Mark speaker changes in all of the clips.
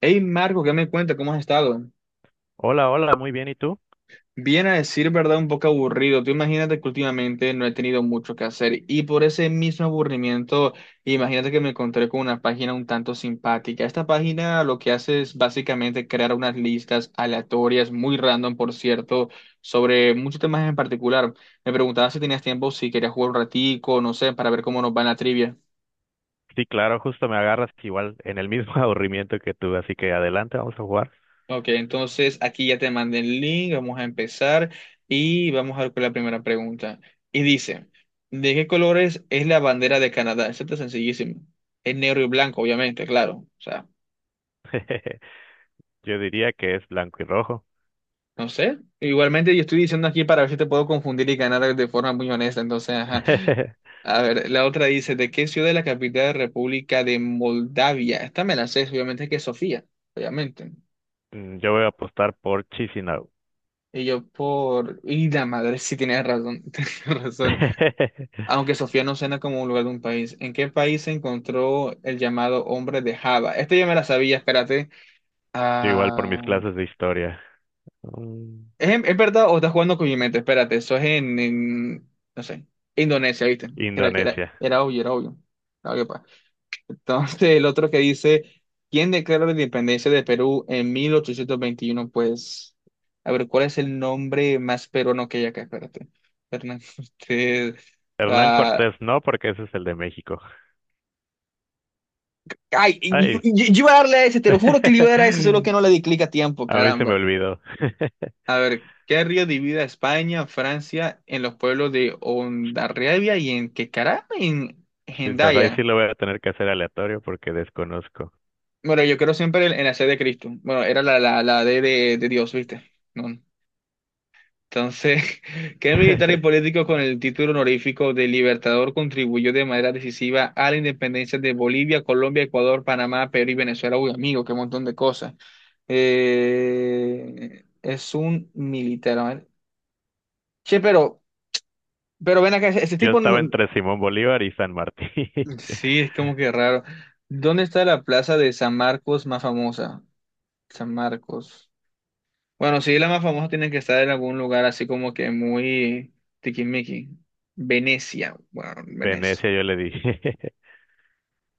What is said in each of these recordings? Speaker 1: Hey Marco, ¿qué me cuenta? ¿Cómo has estado?
Speaker 2: Hola, hola, muy bien, ¿y tú?
Speaker 1: Bien a decir verdad, un poco aburrido. Tú imagínate que últimamente no he tenido mucho que hacer y por ese mismo aburrimiento, imagínate que me encontré con una página un tanto simpática. Esta página lo que hace es básicamente crear unas listas aleatorias, muy random, por cierto, sobre muchos temas en particular. Me preguntaba si tenías tiempo, si querías jugar un ratico, no sé, para ver cómo nos va en la trivia.
Speaker 2: Sí, claro, justo me agarras igual en el mismo aburrimiento que tú, así que adelante, vamos a jugar.
Speaker 1: Ok, entonces aquí ya te mandé el link, vamos a empezar y vamos a ver con la primera pregunta. Y dice, ¿de qué colores es la bandera de Canadá? Esto está sencillísimo. Es negro y blanco, obviamente, claro. O sea,
Speaker 2: Yo diría que es blanco y rojo.
Speaker 1: no sé. Igualmente yo estoy diciendo aquí para ver si te puedo confundir y ganar de forma muy honesta. Entonces, ajá. A ver, la otra dice, ¿de qué ciudad es la capital de República de Moldavia? Esta me la sé, obviamente que es Sofía, obviamente.
Speaker 2: Yo voy a apostar por Chisinau.
Speaker 1: Y yo por... Y la madre, sí tienes razón, tienes razón. Aunque Sofía no suena como un lugar de un país. ¿En qué país se encontró el llamado hombre de Java? Este ya me la sabía, espérate.
Speaker 2: Yo igual
Speaker 1: Ah,
Speaker 2: por mis clases de historia. Mm,
Speaker 1: ¿es, es verdad o estás jugando con mi mente? Espérate, eso es en, no sé, Indonesia, ¿viste?
Speaker 2: Indonesia.
Speaker 1: Era obvio, era obvio. Era obvio, pa. Entonces, el otro que dice, ¿quién declaró la independencia de Perú en 1821? Pues, a ver, ¿cuál es el nombre más peruano que hay acá? Espérate. Hernán Cortés.
Speaker 2: Hernán
Speaker 1: Ah,
Speaker 2: Cortés no, porque ese es el de México.
Speaker 1: ay,
Speaker 2: Ay,
Speaker 1: yo iba a darle a ese, te lo juro que le iba a dar a ese, solo
Speaker 2: a
Speaker 1: que no le di clic a tiempo,
Speaker 2: mí se me
Speaker 1: caramba.
Speaker 2: olvidó.
Speaker 1: A ver, ¿qué río divide a España, Francia, en los pueblos de Hondarribia y en qué caramba? En
Speaker 2: Chispas, ahí
Speaker 1: Hendaya.
Speaker 2: sí lo voy a tener que hacer aleatorio porque desconozco.
Speaker 1: Bueno, yo creo siempre en, la sed de Cristo. Bueno, era la D de Dios, ¿viste? No. Entonces, ¿qué militar y político con el título honorífico de Libertador contribuyó de manera decisiva a la independencia de Bolivia, Colombia, Ecuador, Panamá, Perú y Venezuela? Uy, amigo, qué montón de cosas. Es un militar. A ver. Che, pero, ven acá, ese
Speaker 2: Yo
Speaker 1: tipo
Speaker 2: estaba
Speaker 1: no-.
Speaker 2: entre Simón Bolívar y San Martín.
Speaker 1: Sí, es como que raro. ¿Dónde está la plaza de San Marcos más famosa? San Marcos. Bueno, sí, la más famosa tiene que estar en algún lugar así como que muy tiquismiqui. Venecia, bueno, Venecia.
Speaker 2: Venecia, yo le dije.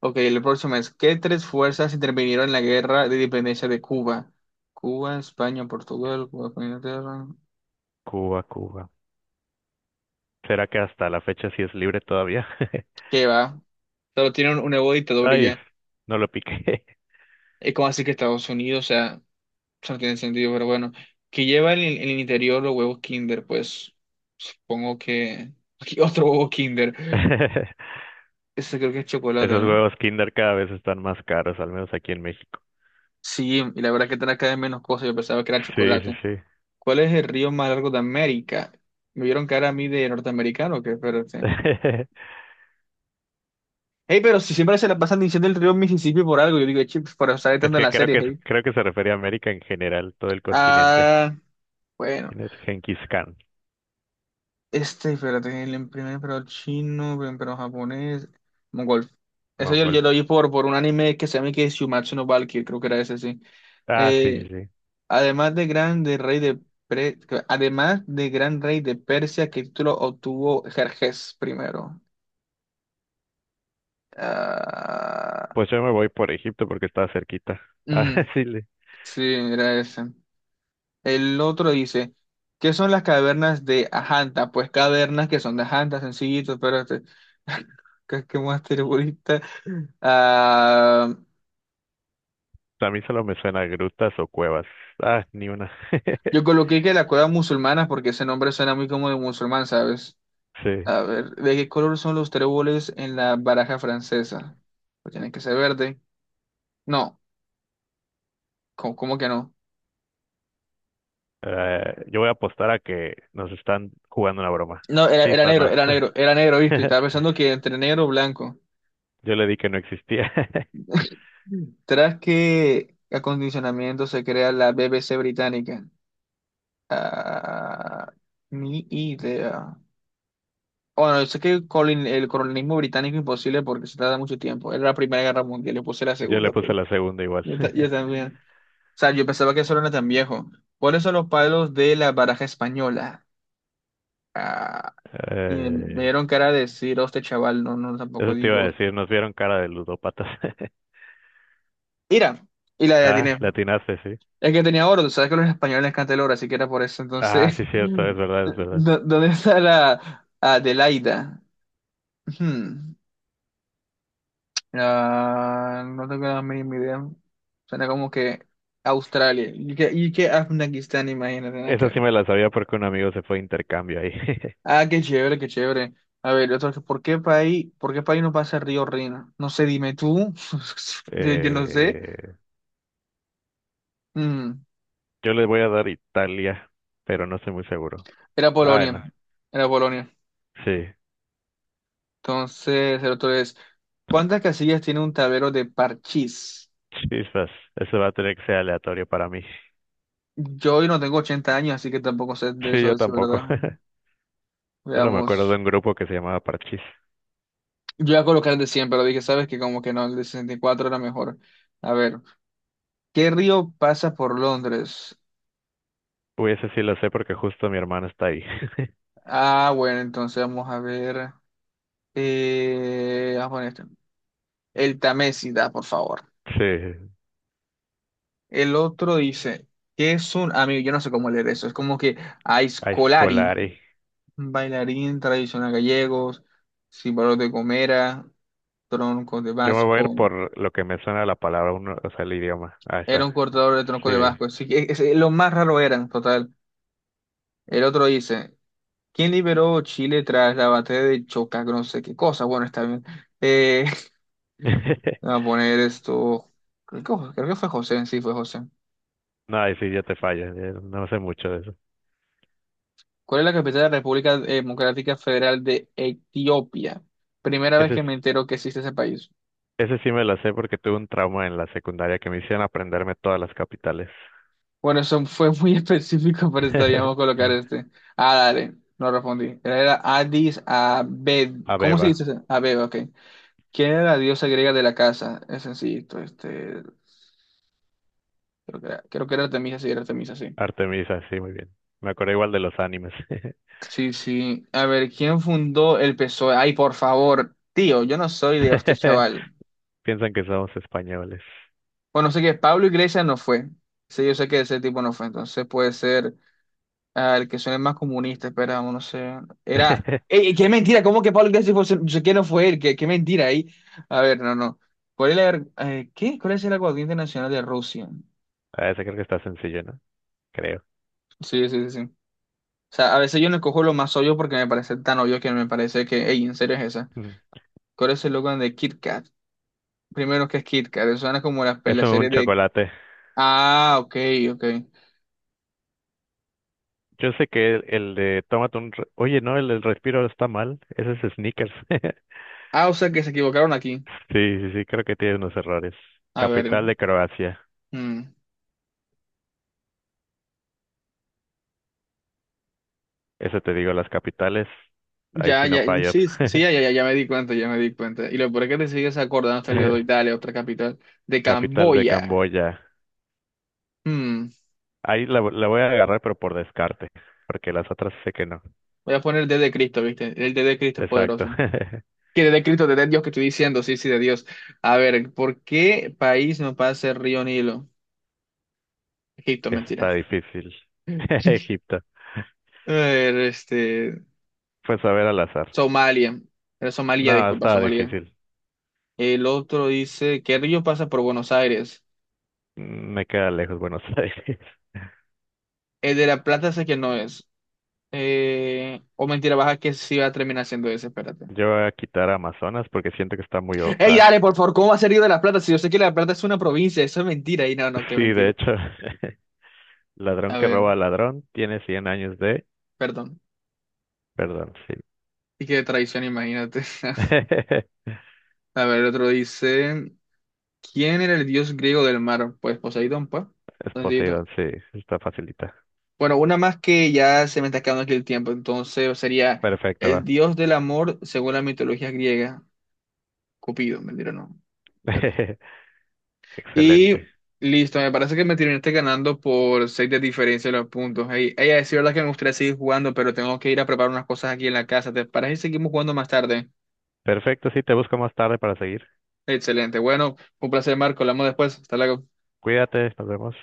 Speaker 1: Ok, el próximo es, ¿qué tres fuerzas intervinieron en la guerra de independencia de Cuba? Cuba, España, Portugal. Cuba, España, Inglaterra.
Speaker 2: Cuba, Cuba. ¿Será que hasta la fecha sí es libre todavía?
Speaker 1: ¿Qué va? Solo tienen un nuevo dictador y
Speaker 2: Ay,
Speaker 1: ya.
Speaker 2: no lo piqué.
Speaker 1: Es como así que Estados Unidos, o sea, eso no tiene sentido, pero bueno. Que lleva en el interior los huevos Kinder, pues supongo que... Aquí otro huevo Kinder. Ese creo que es chocolate,
Speaker 2: Esos
Speaker 1: ¿no?
Speaker 2: huevos Kinder cada vez están más caros, al menos aquí en México.
Speaker 1: Sí, y la verdad que trae cada vez menos cosas, yo pensaba que era
Speaker 2: Sí,
Speaker 1: chocolate.
Speaker 2: sí, sí.
Speaker 1: ¿Cuál es el río más largo de América? Me vieron cara a mí de norteamericano, que espérate. Hey, pero si siempre se la pasan diciendo el río Mississippi por algo, yo digo, chips, por estar
Speaker 2: Es
Speaker 1: tanto en
Speaker 2: que
Speaker 1: la
Speaker 2: creo
Speaker 1: serie,
Speaker 2: que
Speaker 1: hey.
Speaker 2: creo que se refería a América en general, todo el continente.
Speaker 1: Ah, bueno,
Speaker 2: ¿Quién es Genghis Khan?
Speaker 1: este, espérate, el primer emperador chino, primer emperador japonés, mongol. Eso yo,
Speaker 2: Mongol.
Speaker 1: yo lo oí por, un anime que se llama que es Shumatsu no Valkyrie, creo que era ese, sí.
Speaker 2: Ah, sí, sí,
Speaker 1: Eh,
Speaker 2: sí.
Speaker 1: Además de gran de rey de Pre- además de gran rey de Persia, ¿qué título obtuvo Jerjes primero? Ah,
Speaker 2: Pues yo me voy por Egipto porque está cerquita. Ah,
Speaker 1: mm,
Speaker 2: sí, le-
Speaker 1: sí, era ese. El otro dice, ¿qué son las cavernas de Ajanta? Pues cavernas que son de Ajanta, sencillito, pero este, ¿qué, más terrorista? Ah,
Speaker 2: A mí solo me suena a grutas o cuevas. Ah, ni una.
Speaker 1: yo coloqué que la cueva musulmana porque ese nombre suena muy como de musulmán, ¿sabes?
Speaker 2: Sí.
Speaker 1: A ver, ¿de qué color son los tréboles en la baraja francesa? Pues tienen que ser verde. No, ¿cómo que no?
Speaker 2: Yo voy a apostar a que nos están jugando una broma.
Speaker 1: No, era
Speaker 2: Chispa,
Speaker 1: negro,
Speaker 2: no.
Speaker 1: era negro, era negro, ¿viste? Y estaba pensando que entre negro o blanco.
Speaker 2: Yo le di que no existía.
Speaker 1: Mm. Tras que acondicionamiento se crea la BBC británica. Ah, ni idea. Bueno, yo sé que el colonialismo británico imposible porque se tarda mucho tiempo. Era la Primera Guerra Mundial, yo puse la
Speaker 2: Yo
Speaker 1: Segunda,
Speaker 2: le
Speaker 1: ok.
Speaker 2: puse la segunda igual.
Speaker 1: Yo también. O sea, yo pensaba que eso no era tan viejo. ¿Cuáles son los palos de la baraja española? Ah, y me
Speaker 2: Eh,
Speaker 1: dieron cara de decir, este chaval, no, no, tampoco
Speaker 2: eso te iba a
Speaker 1: digo.
Speaker 2: decir, nos vieron cara de ludópatas.
Speaker 1: Mira, y la
Speaker 2: Ah,
Speaker 1: atiné.
Speaker 2: le atinaste, sí.
Speaker 1: Es que tenía oro, tú sabes que a los españoles les encanta el oro, así que era por eso.
Speaker 2: Ah,
Speaker 1: Entonces,
Speaker 2: sí, cierto, es verdad, es verdad.
Speaker 1: ¿dónde está la Adelaida? Hmm, ah, no tengo la mínima idea. Suena como que Australia. y que, Afganistán,
Speaker 2: Esa sí
Speaker 1: imagínate.
Speaker 2: me la sabía porque un amigo se fue a intercambio ahí.
Speaker 1: Ah, qué chévere, qué chévere. A ver, otro, que, ¿por qué país no pasa el río Rina? No sé, dime tú. Yo no sé.
Speaker 2: Eh,
Speaker 1: Mm,
Speaker 2: yo le voy a dar Italia, pero no estoy muy seguro.
Speaker 1: Era
Speaker 2: Ah, no.
Speaker 1: Polonia. Era Polonia.
Speaker 2: Sí.
Speaker 1: Entonces, el otro es, ¿cuántas casillas tiene un tablero de parchís?
Speaker 2: Chispas, eso va a tener que ser aleatorio para mí.
Speaker 1: Yo hoy no tengo 80 años, así que tampoco sé de
Speaker 2: Sí,
Speaker 1: eso,
Speaker 2: yo
Speaker 1: es
Speaker 2: tampoco.
Speaker 1: verdad.
Speaker 2: Solo me acuerdo de
Speaker 1: Veamos.
Speaker 2: un grupo que se llamaba Parchís.
Speaker 1: Yo voy a colocar el de 100, pero dije, ¿sabes que como que no, el de 64 era mejor. A ver, ¿qué río pasa por Londres?
Speaker 2: Uy, ese sí lo sé porque justo mi hermana está ahí.
Speaker 1: Ah, bueno, entonces vamos a ver. Vamos a poner este. El Tamésida, por favor.
Speaker 2: Sí,
Speaker 1: El otro dice, ¿qué es un amigo? Yo no sé cómo leer eso. Es como que
Speaker 2: a
Speaker 1: Aiscolari,
Speaker 2: Scolari.
Speaker 1: bailarín tradicional gallegos, símbolo de Gomera, troncos de
Speaker 2: Yo me voy a ir
Speaker 1: Vasco.
Speaker 2: por lo que me suena la palabra, uno, o sea, el idioma. Ahí
Speaker 1: Era
Speaker 2: está.
Speaker 1: un cortador de troncos
Speaker 2: Sí.
Speaker 1: de Vasco. Sí que lo más raro eran, total. El otro dice, ¿quién liberó Chile tras la batalla de Chocac? No sé qué cosa. Bueno, está bien. Eh, Vamos a poner esto. Creo que fue José, sí, fue José.
Speaker 2: No, ahí sí, ya te falla. Ya no sé mucho de eso.
Speaker 1: ¿Cuál es la capital de la República Democrática Federal de Etiopía? Primera vez
Speaker 2: Ese,
Speaker 1: que
Speaker 2: es-
Speaker 1: me entero que existe ese país.
Speaker 2: Ese sí me lo sé porque tuve un trauma en la secundaria que me hicieron aprenderme todas las capitales.
Speaker 1: Bueno, eso fue muy específico, pero estaríamos colocar este. Ah, dale, no respondí. Era Addis Abed. ¿Cómo se
Speaker 2: Abeba,
Speaker 1: dice? ¿Ese? Abeba, ok. ¿Quién era la diosa griega de la casa? Es sencillito, este. Creo que era Artemisa, sí, era Artemisa, sí.
Speaker 2: Artemisa, sí, muy bien. Me acuerdo igual de los animes.
Speaker 1: Sí, sí. A ver, ¿quién fundó el PSOE? Ay, por favor, tío, yo no soy de este chaval.
Speaker 2: Piensan que somos españoles.
Speaker 1: Bueno, sé que Pablo Iglesias no fue. Sí, yo sé que ese tipo no fue. Entonces puede ser el que suene más comunista. Esperamos, no sé. Era. ¡Ey, qué mentira! ¿Cómo que Pablo Iglesias fue? Yo sé que no fue él. qué, mentira ahí? A ver, no, no. ¿Cuál es la, ver- ¿qué? ¿Cuál es el aguardiente nacional de Rusia?
Speaker 2: A ese creo que está sencillo, ¿no? Creo.
Speaker 1: Sí, sí, sí, sí. O sea, a veces yo no cojo lo más obvio porque me parece tan obvio que me parece que, ey, ¿en serio es esa?
Speaker 2: Mm.
Speaker 1: ¿Cuál es el logo de Kit Kat? Primero, que es Kit Kat? Eso suena como las,
Speaker 2: Es
Speaker 1: la
Speaker 2: un
Speaker 1: serie de...
Speaker 2: chocolate.
Speaker 1: Ah, ok, ok.
Speaker 2: Yo sé que el de tómate un... re- Oye, no, el del respiro está mal. Ese es Snickers.
Speaker 1: Ah, o sea que se equivocaron aquí.
Speaker 2: Sí, sí, sí, creo que tiene unos errores.
Speaker 1: A
Speaker 2: Capital
Speaker 1: ver.
Speaker 2: de Croacia.
Speaker 1: Mm.
Speaker 2: Eso te digo, las capitales. Ahí
Speaker 1: Ya,
Speaker 2: sí no
Speaker 1: ya,
Speaker 2: fallas.
Speaker 1: sí, sí, ya, ya, ya me di cuenta, ya me di cuenta. Y lo peor es que te sigues acordando hasta el día de hoy, dale, otra capital, de
Speaker 2: Capital de
Speaker 1: Camboya.
Speaker 2: Camboya.
Speaker 1: Mm.
Speaker 2: Ahí la voy a agarrar, pero por descarte, porque las otras sé que no.
Speaker 1: Voy a poner el D de Cristo, ¿viste? El D de Cristo es
Speaker 2: Exacto.
Speaker 1: poderoso. Que D de Cristo, D de Dios que estoy diciendo, sí, sí, de Dios. A ver, ¿por qué país no pasa el río Nilo? Egipto,
Speaker 2: Eso
Speaker 1: mentira.
Speaker 2: está difícil. Egipto.
Speaker 1: A ver, este,
Speaker 2: Pues a ver al azar.
Speaker 1: Somalia. Era Somalia,
Speaker 2: No,
Speaker 1: disculpa,
Speaker 2: estaba
Speaker 1: Somalia.
Speaker 2: difícil.
Speaker 1: El otro dice, ¿qué río pasa por Buenos Aires?
Speaker 2: Me queda lejos Buenos Aires.
Speaker 1: El de La Plata sé que no es. O mentira, baja que sí va a terminar siendo ese, espérate.
Speaker 2: Yo voy a quitar Amazonas porque siento que está muy... o-
Speaker 1: Ey,
Speaker 2: ah.
Speaker 1: dale, por favor, ¿cómo va a ser Río de la Plata? Si yo sé que La Plata es una provincia, eso es mentira. Y no, no, qué
Speaker 2: Sí, de
Speaker 1: mentira.
Speaker 2: hecho, ladrón
Speaker 1: A
Speaker 2: que roba
Speaker 1: ver,
Speaker 2: a ladrón tiene 100 años de...
Speaker 1: perdón.
Speaker 2: Perdón, sí.
Speaker 1: Y qué traición, imagínate. A ver, otro dice, ¿quién era el dios griego del mar? Pues Poseidón, pues.
Speaker 2: Es
Speaker 1: Sencillito.
Speaker 2: Poseidón, sí, está facilita.
Speaker 1: Bueno, una más que ya se me está acabando aquí el tiempo, entonces sería
Speaker 2: Perfecto,
Speaker 1: el
Speaker 2: va.
Speaker 1: dios del amor según la mitología griega, Cupido, mentira, no. Perdón. Y
Speaker 2: Excelente.
Speaker 1: listo, me parece que me terminaste ganando por 6 de diferencia de los puntos. Ey, ey, es verdad que me gustaría seguir jugando, pero tengo que ir a preparar unas cosas aquí en la casa. ¿Te parece si seguimos jugando más tarde?
Speaker 2: Perfecto, sí, te busco más tarde para seguir.
Speaker 1: Excelente. Bueno, un placer, Marco. Hablamos después. Hasta luego.
Speaker 2: Cuídate, nos vemos.